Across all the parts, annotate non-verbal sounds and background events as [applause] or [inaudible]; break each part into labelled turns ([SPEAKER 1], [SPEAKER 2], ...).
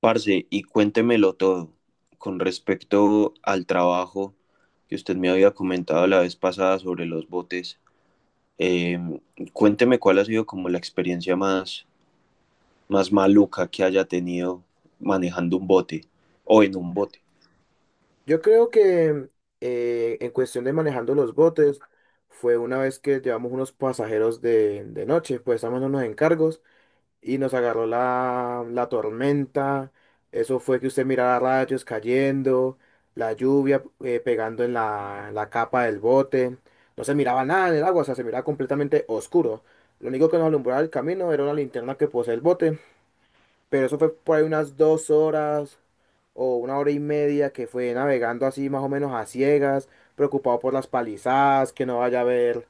[SPEAKER 1] Parce, y cuéntemelo todo con respecto al trabajo que usted me había comentado la vez pasada sobre los botes. eh, Cuénteme cuál ha sido como la experiencia más, más maluca que haya tenido manejando un bote o en un bote.
[SPEAKER 2] Yo creo que en cuestión de manejando los botes, fue una vez que llevamos unos pasajeros de noche, pues estábamos en unos encargos y nos agarró la tormenta. Eso fue que usted miraba rayos cayendo, la lluvia pegando en la capa del bote. No se miraba nada en el agua, o sea, se miraba completamente oscuro. Lo único que nos alumbraba el camino era una linterna que posee el bote, pero eso fue por ahí unas 2 horas o 1 hora y media que fue navegando así más o menos a ciegas, preocupado por las palizadas, que no vaya a haber,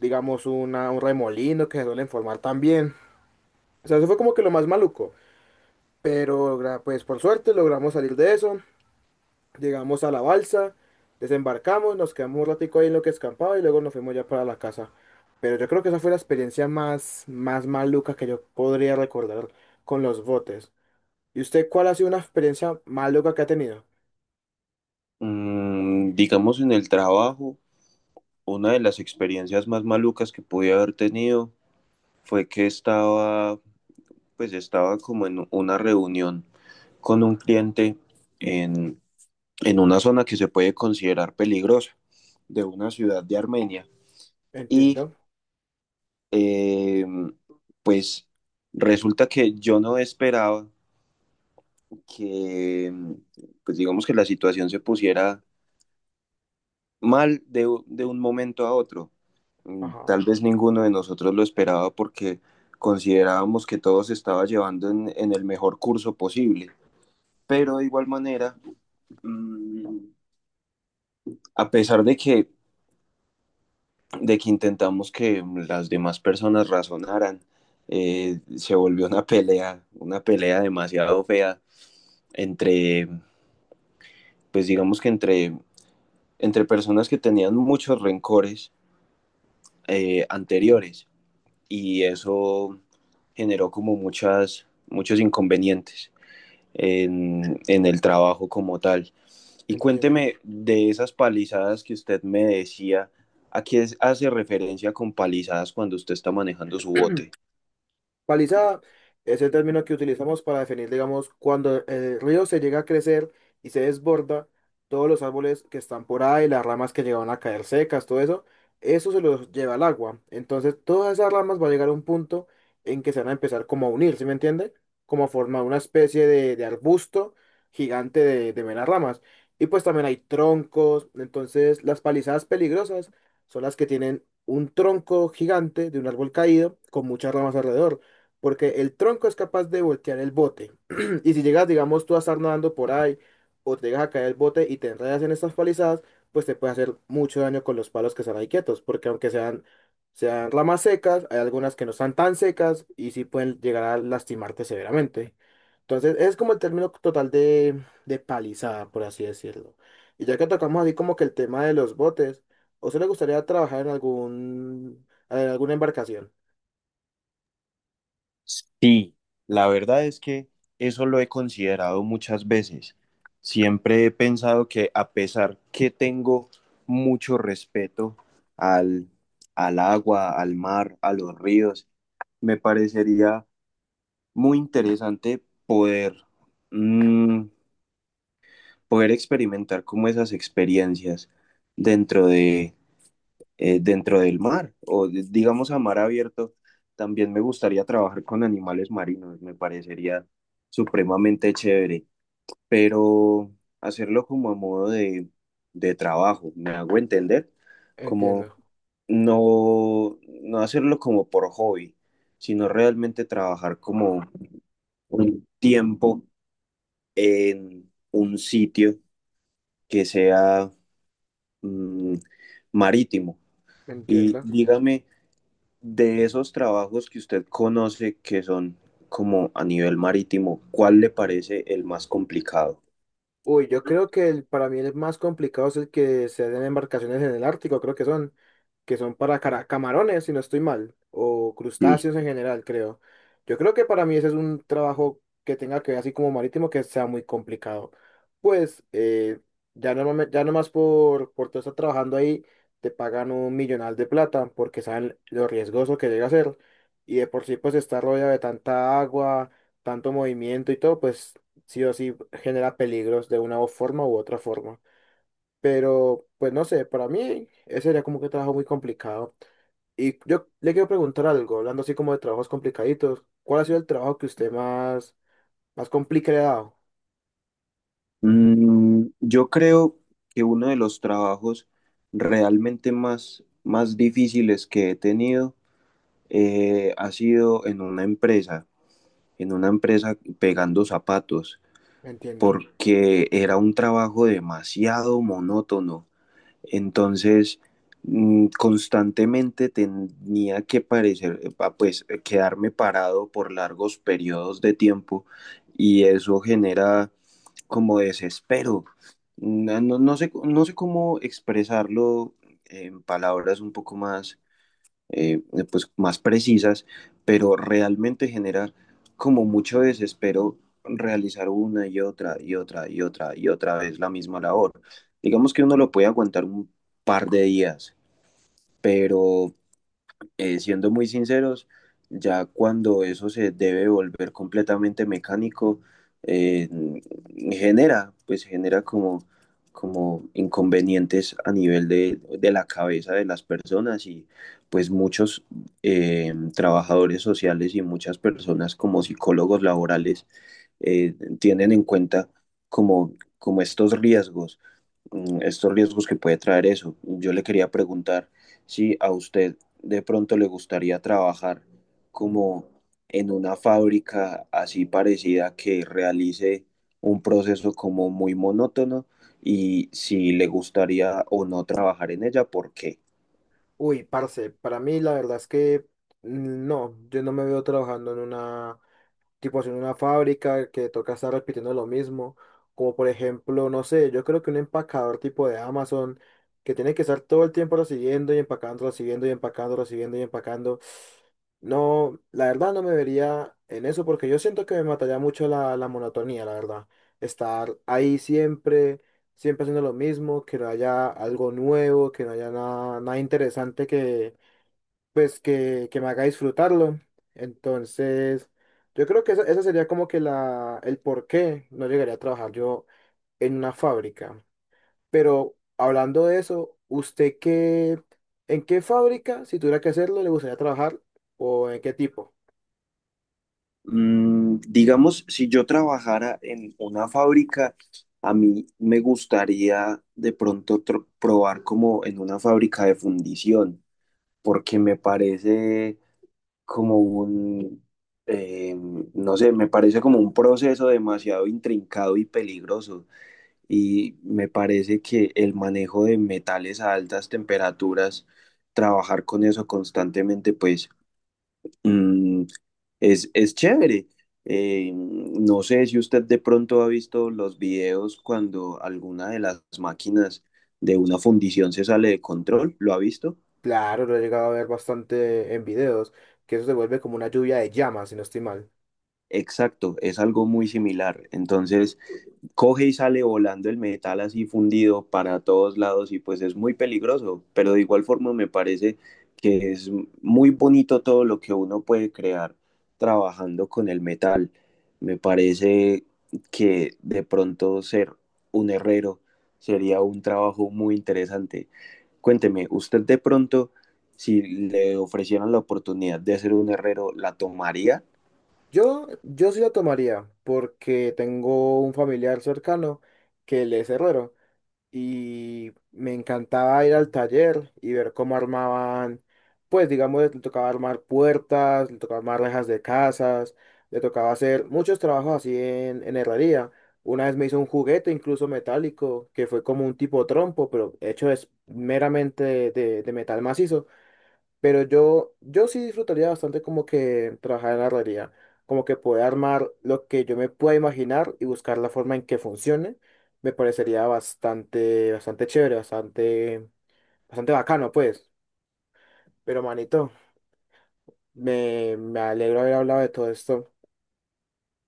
[SPEAKER 2] digamos, un remolino que se suelen formar también. O sea, eso fue como que lo más maluco. Pero pues por suerte logramos salir de eso, llegamos a la balsa, desembarcamos, nos quedamos un ratico ahí en lo que escampaba y luego nos fuimos ya para la casa. Pero yo creo que esa fue la experiencia más, más maluca que yo podría recordar con los botes. ¿Y usted cuál ha sido una experiencia maluca que ha tenido?
[SPEAKER 1] Mm, digamos en el trabajo, una de las experiencias más malucas que pude haber tenido fue que estaba, pues estaba como en una reunión con un cliente en, en una zona que se puede considerar peligrosa de una ciudad de Armenia. Y
[SPEAKER 2] Entiendo.
[SPEAKER 1] eh, pues resulta que yo no esperaba que, pues digamos que la situación se pusiera mal de un momento a otro. Mm,
[SPEAKER 2] Ajá.
[SPEAKER 1] tal vez ninguno de nosotros lo esperaba porque considerábamos que todo se estaba llevando en el mejor curso posible.
[SPEAKER 2] En-
[SPEAKER 1] Pero de igual manera, mm, a pesar de que intentamos que las demás personas razonaran. Se volvió una pelea demasiado fea entre, pues digamos que entre personas que tenían muchos rencores anteriores, y eso generó como muchos inconvenientes en el trabajo como tal. Y
[SPEAKER 2] Entiendo.
[SPEAKER 1] cuénteme de esas palizadas que usted me decía, ¿a qué hace referencia con palizadas cuando usted está manejando su bote?
[SPEAKER 2] Palizada es el término que utilizamos para definir, digamos, cuando el río se llega a crecer y se desborda, todos los árboles que están por ahí, las ramas que llegaban a caer secas, todo eso, eso se los lleva al agua. Entonces, todas esas ramas van a llegar a un punto en que se van a empezar como a unir, ¿sí me entiende? Como a formar una especie de arbusto gigante de meras ramas. Y pues también hay troncos, entonces las palizadas peligrosas son las que tienen un tronco gigante de un árbol caído con muchas ramas alrededor porque el tronco es capaz de voltear el bote. [clears throat] Y si llegas, digamos, tú a estar nadando por ahí o te llegas a caer el bote y te enredas en estas palizadas, pues te puede hacer mucho daño con los palos que están ahí quietos, porque sean ramas secas, hay algunas que no están tan secas y sí pueden llegar a lastimarte severamente. Entonces, es como el término total de palizada, por así decirlo. Y ya que tocamos así como que el tema de los botes, ¿o se le gustaría trabajar en algún, en alguna embarcación?
[SPEAKER 1] Sí, la verdad es que eso lo he considerado muchas veces. Siempre he pensado que a pesar que tengo mucho respeto al, al agua, al mar, a los ríos, me parecería muy interesante poder, mm, poder experimentar como esas experiencias dentro, dentro del mar o digamos a mar abierto. También me gustaría trabajar con animales marinos, me parecería supremamente chévere, pero hacerlo como a modo de trabajo, ¿me hago entender? Como
[SPEAKER 2] Entiendo,
[SPEAKER 1] no hacerlo como por hobby, sino realmente trabajar como un tiempo en un sitio que sea, mm, marítimo. Y
[SPEAKER 2] entiendo.
[SPEAKER 1] dígame, de esos trabajos que usted conoce que son como a nivel marítimo, ¿cuál le parece el más complicado?
[SPEAKER 2] Uy, yo creo que para mí el más complicado es el que se den embarcaciones en el Ártico, creo que son para camarones, si no estoy mal, o
[SPEAKER 1] Sí.
[SPEAKER 2] crustáceos en general, creo. Yo creo que para mí ese es un trabajo que tenga que ver así como marítimo, que sea muy complicado. Pues ya, no, ya nomás por tú estar trabajando ahí, te pagan un millonal de plata porque saben lo riesgoso que llega a ser. Y de por sí pues estar rodeado de tanta agua, tanto movimiento y todo, pues sí o sí genera peligros de una forma u otra forma. Pero, pues no sé, para mí ese era como que trabajo muy complicado. Y yo le quiero preguntar algo, hablando así como de trabajos complicaditos, ¿cuál ha sido el trabajo que usted más, más complicado?
[SPEAKER 1] Mm, yo creo que uno de los trabajos realmente más, más difíciles que he tenido ha sido en una empresa pegando zapatos,
[SPEAKER 2] Entiendo.
[SPEAKER 1] porque era un trabajo demasiado monótono. Entonces, mm, constantemente tenía que parecer, ah, pues, quedarme parado por largos periodos de tiempo, y eso genera como desespero. No sé, no sé cómo expresarlo en palabras un poco más, eh, pues más precisas, pero realmente genera como mucho desespero realizar una y otra y otra y otra y otra vez la misma labor. Digamos que uno lo puede aguantar un par de días, pero siendo muy sinceros, ya cuando eso se debe volver completamente mecánico, eh, genera, pues genera como, como inconvenientes a nivel de la cabeza de las personas, y pues muchos trabajadores sociales y muchas personas como psicólogos laborales tienen en cuenta como estos riesgos, mm, estos riesgos que puede traer eso. Yo le quería preguntar si a usted de pronto le gustaría trabajar como en una fábrica así parecida que realice un proceso como muy monótono, y si le gustaría o no trabajar en ella, ¿por qué?
[SPEAKER 2] Uy, parce, para mí la verdad es que no, yo no me veo trabajando en una tipo en una fábrica que toca estar repitiendo lo mismo, como por ejemplo, no sé, yo creo que un empacador tipo de Amazon que tiene que estar todo el tiempo recibiendo y empacando, recibiendo y empacando, recibiendo y empacando. No, la verdad no me vería en eso porque yo siento que me mataría mucho la monotonía, la verdad. Estar ahí siempre, siempre haciendo lo mismo, que no haya algo nuevo, que no haya nada, nada interesante pues que me haga disfrutarlo. Entonces, yo creo que esa sería como que el por qué no llegaría a trabajar yo en una fábrica. Pero hablando de eso, ¿usted qué, en qué fábrica, si tuviera que hacerlo, le gustaría trabajar o en qué tipo?
[SPEAKER 1] Mm, digamos, si yo trabajara en una fábrica, a mí me gustaría de pronto probar como en una fábrica de fundición, porque me parece como un, eh, no sé, me parece como un proceso demasiado intrincado y peligroso. Y me parece que el manejo de metales a altas temperaturas, trabajar con eso constantemente, pues, mm, es chévere. No sé si usted de pronto ha visto los videos cuando alguna de las máquinas de una fundición se sale de control, ¿lo ha visto?
[SPEAKER 2] Claro, lo he llegado a ver bastante en videos, que eso se vuelve como una lluvia de llamas, si no estoy mal.
[SPEAKER 1] Exacto, es algo muy similar. Entonces, coge y sale volando el metal así fundido para todos lados, y pues es muy peligroso, pero de igual forma me parece que es muy bonito todo lo que uno puede crear trabajando con el metal. Me parece que de pronto ser un herrero sería un trabajo muy interesante. Cuénteme, usted de pronto, si le ofrecieran la oportunidad de ser un herrero, ¿la tomaría?
[SPEAKER 2] Yo sí la tomaría porque tengo un familiar cercano que él es herrero. Y me encantaba ir al taller y ver cómo armaban, pues digamos, le tocaba armar puertas, le tocaba armar rejas de casas, le tocaba hacer muchos trabajos así en herrería. Una vez me hizo un juguete incluso metálico, que fue como un tipo trompo, pero hecho es meramente de metal macizo. Pero yo sí disfrutaría bastante como que trabajar en la realidad, como que poder armar lo que yo me pueda imaginar y buscar la forma en que funcione, me parecería bastante, bastante chévere, bastante, bastante bacano, pues. Pero manito, me alegro haber hablado de todo esto.